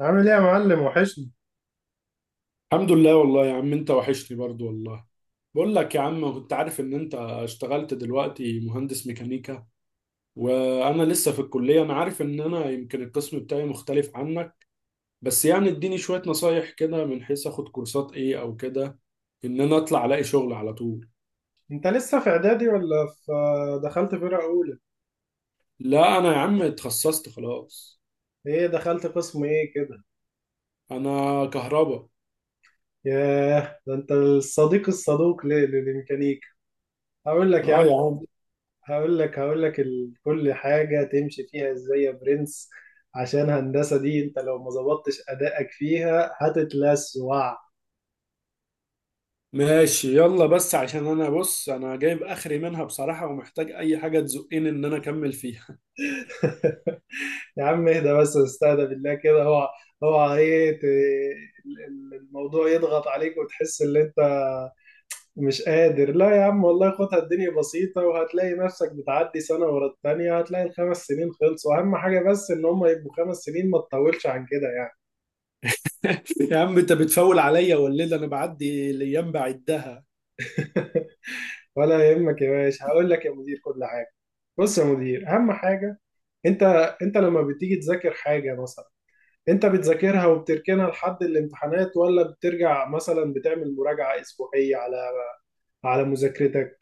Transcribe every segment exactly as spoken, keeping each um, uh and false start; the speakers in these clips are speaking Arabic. عامل ايه يا معلم؟ وحشني. الحمد لله والله يا عم انت وحشني برضو والله. بقول لك يا عم، كنت عارف ان انت اشتغلت دلوقتي مهندس ميكانيكا وانا لسه في الكلية. انا عارف ان انا يمكن القسم بتاعي مختلف عنك، بس يعني اديني شوية نصايح كده من حيث اخد كورسات ايه او كده، ان انا اطلع الاقي شغل على طول. انت لسه في اعدادي ولا في دخلت فرقة اولى؟ لا انا يا عم اتخصصت خلاص. ايه، دخلت قسم ايه كده؟ انا كهربا. ياه، ده انت الصديق الصدوق ليه للميكانيكا. هقول لك يا اه عم. يا عم. هقول لك هقول لك ال- كل حاجة تمشي فيها ازاي يا برنس. عشان هندسة دي انت لو ما ظبطتش ادائك فيها هتتلسوع. ماشي يلا، بس عشان انا بص انا جايب اخري منها بصراحة، ومحتاج اي حاجة تزقني ان انا اكمل فيها. يا عم اهدى بس، استهدى بالله كده. اوعى اوعى ايه ت- ال- ال- الموضوع يضغط عليك وتحس ان انت مش قادر. لا يا عم والله، خدها الدنيا بسيطة، وهتلاقي نفسك بتعدي سنة ورا التانية، هتلاقي الخمس سنين خلصوا. أهم حاجة بس إن هم يبقوا خمس سنين، ما تطولش عن كده يعني. يا عم انت بتفول عليا والليل انا بعدي الايام بعدها. ولا يهمك يا باشا، هقول لك يا مدير كل حاجة. بص يا مدير، أهم حاجة، أنت أنت لما بتيجي تذاكر حاجة مثلا، أنت بتذاكرها وبتركنها لحد الامتحانات؟ ولا بترجع مثلا بتعمل مراجعة أسبوعية على على مذاكرتك؟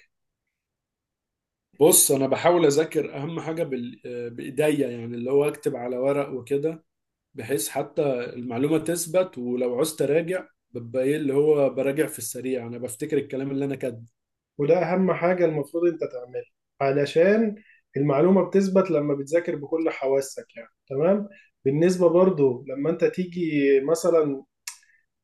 بص انا بحاول اذاكر اهم حاجه بال... بايديا، يعني اللي هو اكتب على ورق وكده، بحيث حتى المعلومه تثبت. ولو عوزت اراجع ببقى ايه اللي هو براجع في السريع، انا بفتكر الكلام اللي انا كاتبه. وده أهم حاجة المفروض أنت تعملها، علشان المعلومة بتثبت لما بتذاكر بكل حواسك، يعني تمام. بالنسبة برضو لما أنت تيجي مثلا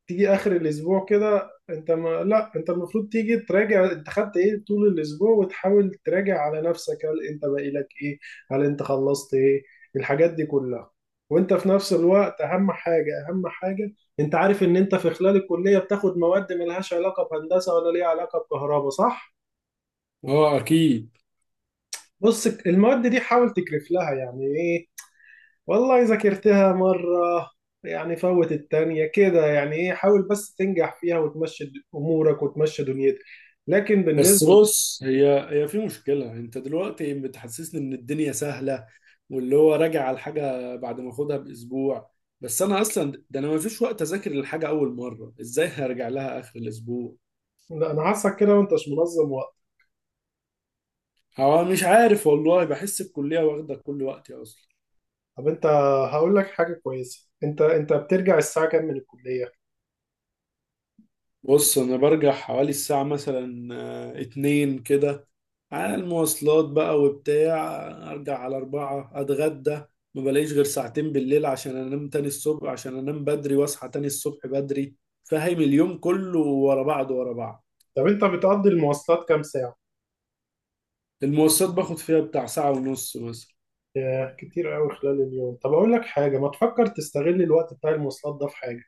تيجي آخر الأسبوع كده، أنت ما لا، أنت المفروض تيجي تراجع أنت خدت إيه طول الأسبوع، وتحاول تراجع على نفسك، هل أنت باقي لك إيه؟ هل أنت خلصت إيه؟ الحاجات دي كلها. وأنت في نفس الوقت، أهم حاجة أهم حاجة، أنت عارف إن أنت في خلال الكلية بتاخد مواد ملهاش علاقة بهندسة ولا ليها علاقة بكهرباء صح؟ اه اكيد. بص المواد دي حاول تكرف لها، يعني ايه، والله ذاكرتها مرة، يعني فوت التانية كده، يعني ايه، حاول بس تنجح فيها وتمشي د- امورك وتمشي دنيتك. لكن بس بالنسبة، بص، هي هي في مشكلة. انت دلوقتي بتحسسني ان الدنيا سهلة، واللي هو راجع على الحاجة بعد ما اخدها باسبوع. بس انا اصلا ده انا ما فيش وقت اذاكر الحاجة اول مرة، ازاي هرجع لها اخر الاسبوع؟ لا انا حاسك كده، وانت مش منظم وقت. هو مش عارف والله، بحس الكلية واخدة كل وقتي اصلا. طب انت، هقول لك حاجة كويسة، انت انت بترجع الساعة كام من الكلية؟ بص انا برجع حوالي الساعة مثلا آه، اتنين كده، على المواصلات بقى وبتاع، ارجع على اربعة اتغدى. ما بلاقيش غير ساعتين بالليل عشان انام تاني الصبح، عشان انام بدري واصحى تاني الصبح بدري. فاهم؟ اليوم كله ورا بعض ورا بعض. طب انت بتقضي المواصلات كام ساعة؟ المواصلات باخد فيها بتاع ساعة ونص مثلا. ياه كتير قوي خلال اليوم. طب اقول لك حاجة، ما تفكر تستغل الوقت بتاع المواصلات ده في حاجة؟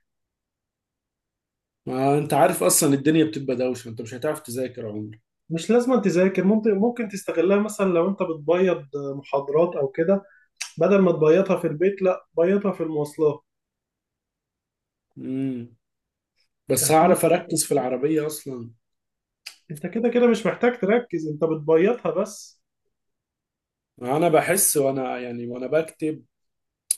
ما انت عارف اصلا الدنيا بتبقى دوشة، انت مش هتعرف تذاكر عمري. مش لازم تذاكر، ممكن ممكن تستغلها مثلا لو انت بتبيض محاضرات او كده. بدل ما تبيضها في البيت، لا بيضها في المواصلات. امم بس فاهمني؟ هعرف اركز في العربية اصلا؟ انت كده كده مش محتاج تركز، انت بتبيضها بس. انا بحس وانا يعني وانا بكتب،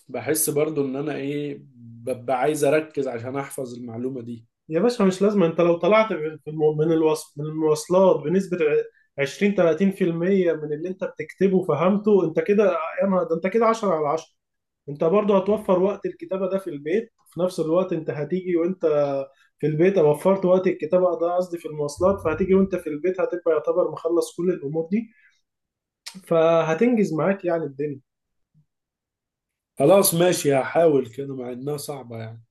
بحس برضو ان انا ايه، ببقى عايز اركز عشان احفظ المعلومة دي. يا باشا مش لازم، انت لو طلعت في الم- من الوص- من المواصلات بنسبة ع- عشرين تلاتين في المية من اللي انت بتكتبه فهمته، انت كده يا نهار ده، انت كده عشرة على عشرة. انت برضو هتوفر وقت الكتابة ده في البيت، في نفس الوقت انت هتيجي وانت في البيت، وفرت وقت الكتابة ده قصدي في المواصلات، فهتيجي وانت في البيت هتبقى يعتبر مخلص كل الامور دي، فهتنجز معاك يعني الدنيا. خلاص ماشي، هحاول كده مع انها صعبة يعني.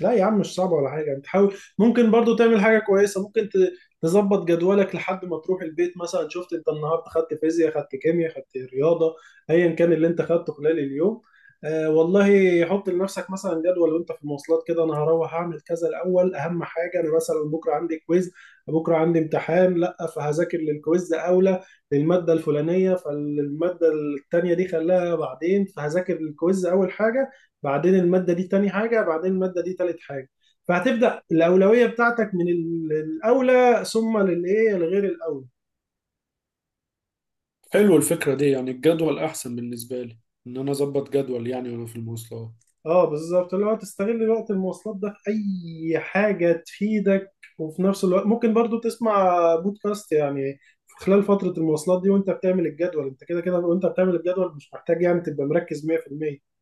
لا يا عم مش صعب ولا حاجة، انت حاول، ممكن برضو تعمل حاجة كويسة، ممكن ت- تظبط جدولك لحد ما تروح البيت. مثلا شفت انت النهاردة خدت فيزياء، خدت كيمياء، خدت رياضة، ايا كان اللي انت خدته خلال اليوم. آه والله حط لنفسك مثلا جدول وانت في المواصلات كده. انا هروح اعمل كذا الاول، اهم حاجة انا مثلا بكرة عندي كويز، بكرة عندي امتحان، لا فهذاكر للكويز اولى للمادة الفلانية، فالمادة التانية دي خلاها بعدين. فهذاكر للكويز اول حاجة، بعدين المادة دي تاني حاجة، بعدين المادة دي تالت حاجة. فهتبدأ الأولوية بتاعتك من ال- الأولى ثم للإيه، لغير الأولى. حلو الفكرة دي، يعني الجدول احسن بالنسبة لي، ان انا اظبط جدول يعني وانا في المواصلات. اه بالظبط، اللي هو تستغل وقت المواصلات ده في أي حاجة تفيدك. وفي نفس الوقت ممكن برضو تسمع بودكاست يعني في خلال فترة المواصلات دي وانت بتعمل الجدول، انت كده كده وانت بتعمل الجدول مش محتاج يعني تبقى مركز مية في المية.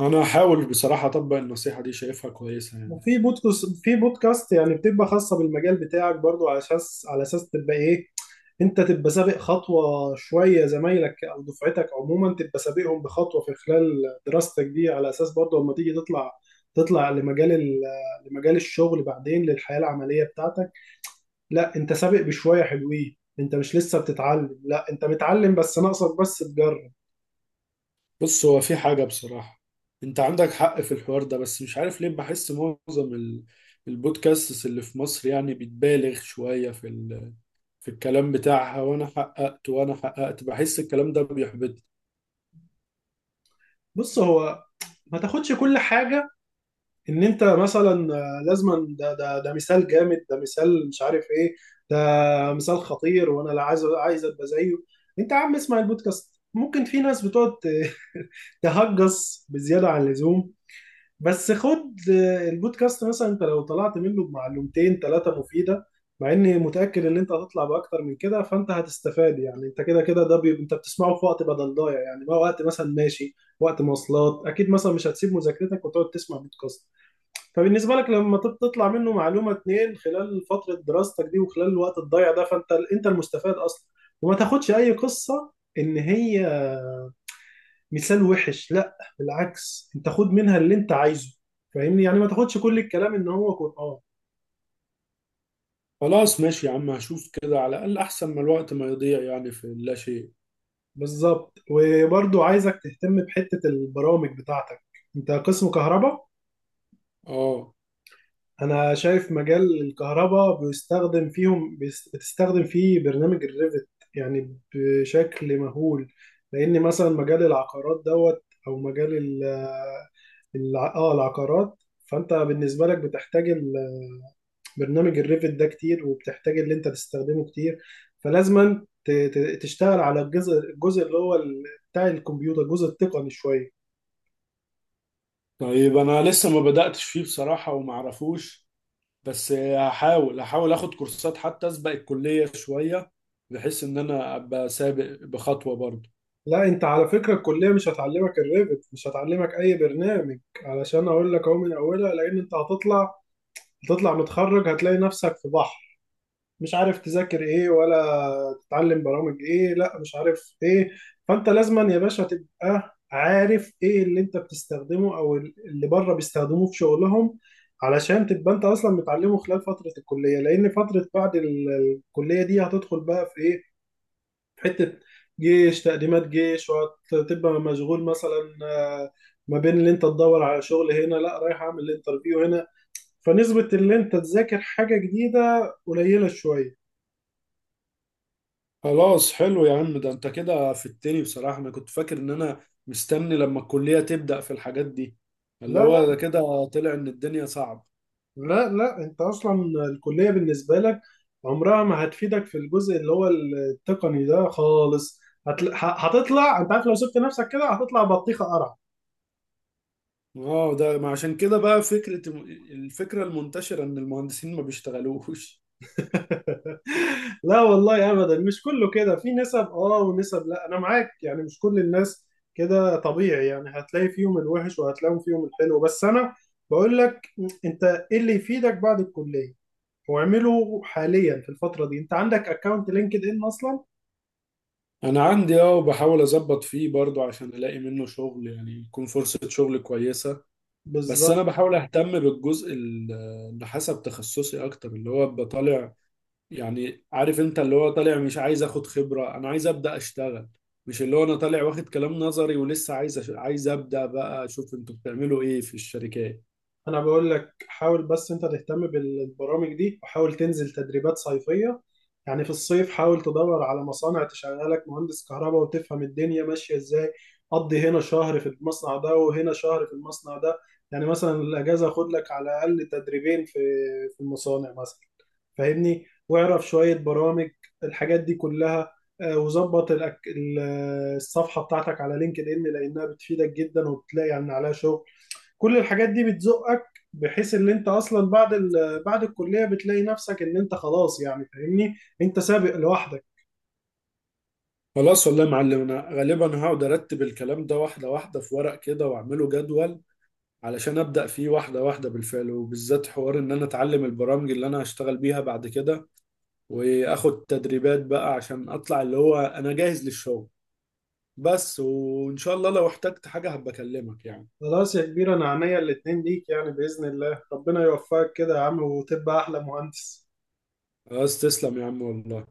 انا هحاول بصراحة اطبق النصيحة دي، شايفها كويسة يعني. وفي بودكاست في بودكاست يعني بتبقى خاصة بالمجال بتاعك برضو، على اساس على اساس تبقى ايه، انت تبقى سابق خطوة شوية زمايلك او دفعتك عموما، تبقى سابقهم بخطوة في خلال دراستك دي، على اساس برضو لما تيجي تطلع تطلع لمجال ال- لمجال الشغل بعدين، للحياة العملية بتاعتك. لا انت سابق بشوية حلوين، انت مش لسه بتتعلم، لا انت متعلم بس ناقصك بس تجرب. بص هو في حاجة بصراحة، انت عندك حق في الحوار ده، بس مش عارف ليه بحس معظم ال- البودكاستس اللي في مصر يعني بتبالغ شوية في ال... في الكلام بتاعها. وانا حققت وانا حققت بحس الكلام ده بيحبط. بص هو، ما تاخدش كل حاجة، ان انت مثلا آه، لازما ده ده ده مثال جامد، ده مثال مش عارف ايه، ده مثال خطير، وانا لا عايز عايز ابقى زيه. انت يا عم اسمع البودكاست، ممكن في ناس بتقعد ت- تهجص بزياده عن اللزوم. بس خد آه، البودكاست مثلا، انت لو طلعت منه بمعلومتين ثلاثه مفيده، مع اني متاكد ان انت هتطلع باكتر من كده، فانت هتستفاد يعني. انت كده كده ده بي... انت بتسمعه في وقت بدل ضايع يعني، ما وقت مثلا ماشي وقت مواصلات اكيد، مثلا مش هتسيب مذاكرتك وتقعد تسمع بودكاست. فبالنسبة لك لما تط- تطلع منه معلومة اتنين خلال فترة دراستك دي وخلال الوقت الضايع ده، فانت ال- انت المستفاد اصلا. وما تاخدش اي قصة ان هي مثال وحش، لا بالعكس انت خد منها اللي انت عايزه. فاهمني؟ يعني ما تاخدش كل الكلام ان هو قرآن. خلاص ماشي يا عم، هشوف كده، على الأقل أحسن ما الوقت ما يضيع يعني في لا شيء. بالظبط، وبرضو عايزك تهتم بحتة البرامج بتاعتك. انت قسم كهرباء، اه. انا شايف مجال الكهرباء بيستخدم فيهم بيس- بتستخدم فيه برنامج الريفت يعني بشكل مهول، لان مثلا مجال العقارات دوت او مجال ال- الع... اه العقارات. فانت بالنسبه لك بتحتاج ال- برنامج الريفت ده كتير، وبتحتاج اللي انت تستخدمه كتير. فلازما ت... ت- تشتغل على الجزء الجزء اللي هو ال- بتاع الكمبيوتر، الجزء التقني شويه. طيب أنا لسه ما بدأتش فيه بصراحة ومعرفوش، بس هحاول هحاول أخد كورسات حتى أسبق الكلية شوية، بحيث إن أنا أبقى سابق بخطوة برضه. لا انت على فكره الكليه مش هتعلمك الريفت، مش هتعلمك اي برنامج، علشان اقول لك اهو من اولها، لان انت هتطلع هتطلع متخرج هتلاقي نفسك في بحر، مش عارف تذاكر ايه ولا تتعلم برامج ايه لا مش عارف ايه. فانت لازما يا باشا تبقى عارف ايه اللي انت بتستخدمه او اللي بره بيستخدموه في شغلهم، علشان تبقى انت اصلا متعلمه خلال فتره الكليه، لان فتره بعد ال- الكليه دي هتدخل بقى في ايه، في حتة جيش تقديمات جيش، وهتبقى مشغول مثلا آه، ما بين اللي انت تدور على شغل هنا، لا رايح اعمل انترفيو هنا، فنسبة اللي انت تذاكر حاجة جديدة قليلة شوية. خلاص حلو يا عم، ده أنت كده في التاني بصراحة. أنا كنت فاكر إن أنا مستني لما الكلية تبدأ في الحاجات دي. لا اللي هو ده لا كده طلع إن الدنيا صعبة. لا لا، انت اصلا الكلية بالنسبة لك عمرها ما هتفيدك في الجزء اللي هو التقني ده خالص. هتل... ه- هتطلع، انت عارف لو سبت نفسك كده هتطلع بطيخة قرع. اه ده ما عشان كده بقى فكرة، الفكرة المنتشرة ان المهندسين ما بيشتغلوش. لا والله ابدا مش كله كده، في نسب اه ونسب، لا انا معاك يعني مش كل الناس كده، طبيعي يعني هتلاقي فيهم الوحش وهتلاقي فيهم الحلو، بس انا بقول لك، انت ايه اللي يفيدك بعد الكلية، واعمله حاليا في الفترة دي، انت عندك اكونت لينكد ان اصلا. انا عندي اه، وبحاول اظبط فيه برضو عشان الاقي منه شغل يعني، يكون فرصة شغل كويسة. بس بالظبط. انا بحاول اهتم بالجزء ال- اللي حسب تخصصي اكتر، اللي هو أبقى طالع. يعني عارف انت اللي هو طالع مش عايز اخد خبرة، انا عايز ابدأ اشتغل. مش اللي هو انا طالع واخد كلام نظري ولسه عايز أش- عايز ابدأ بقى اشوف انتوا بتعملوا ايه في الشركات. انا بقول لك حاول بس انت تهتم بالبرامج دي، وحاول تنزل تدريبات صيفية، يعني في الصيف حاول تدور على مصانع تشغلك مهندس كهرباء وتفهم الدنيا ماشية ازاي. قضي هنا شهر في المصنع ده وهنا شهر في المصنع ده، يعني مثلا الاجازة خد لك على الاقل تدريبين في في المصانع مثلا، فاهمني؟ واعرف شوية برامج، الحاجات دي كلها. آه، وظبط الأك- ال- آه، الصفحة بتاعتك على لينكد ان، لانها بتفيدك جدا، وبتلاقي يعني عليها شغل. كل الحاجات دي بتزقك بحيث ان انت اصلا بعد ال... بعد الكليه بتلاقي نفسك ان انت خلاص، يعني فاهمني، انت سابق لوحدك. خلاص والله يا معلم، انا غالبا هقعد ارتب الكلام ده واحده واحده في ورق كده واعمله جدول، علشان ابدا فيه واحده واحده بالفعل، وبالذات حوار ان انا اتعلم البرامج اللي انا هشتغل بيها بعد كده، واخد تدريبات بقى عشان اطلع اللي هو انا جاهز للشغل. بس وان شاء الله لو احتجت حاجه هبقى اكلمك يعني. خلاص يا كبير انا عينيا الاتنين ليك، يعني باذن الله ربنا يوفقك كده يا عم، وتبقى احلى مهندس. خلاص تسلم يا عم والله.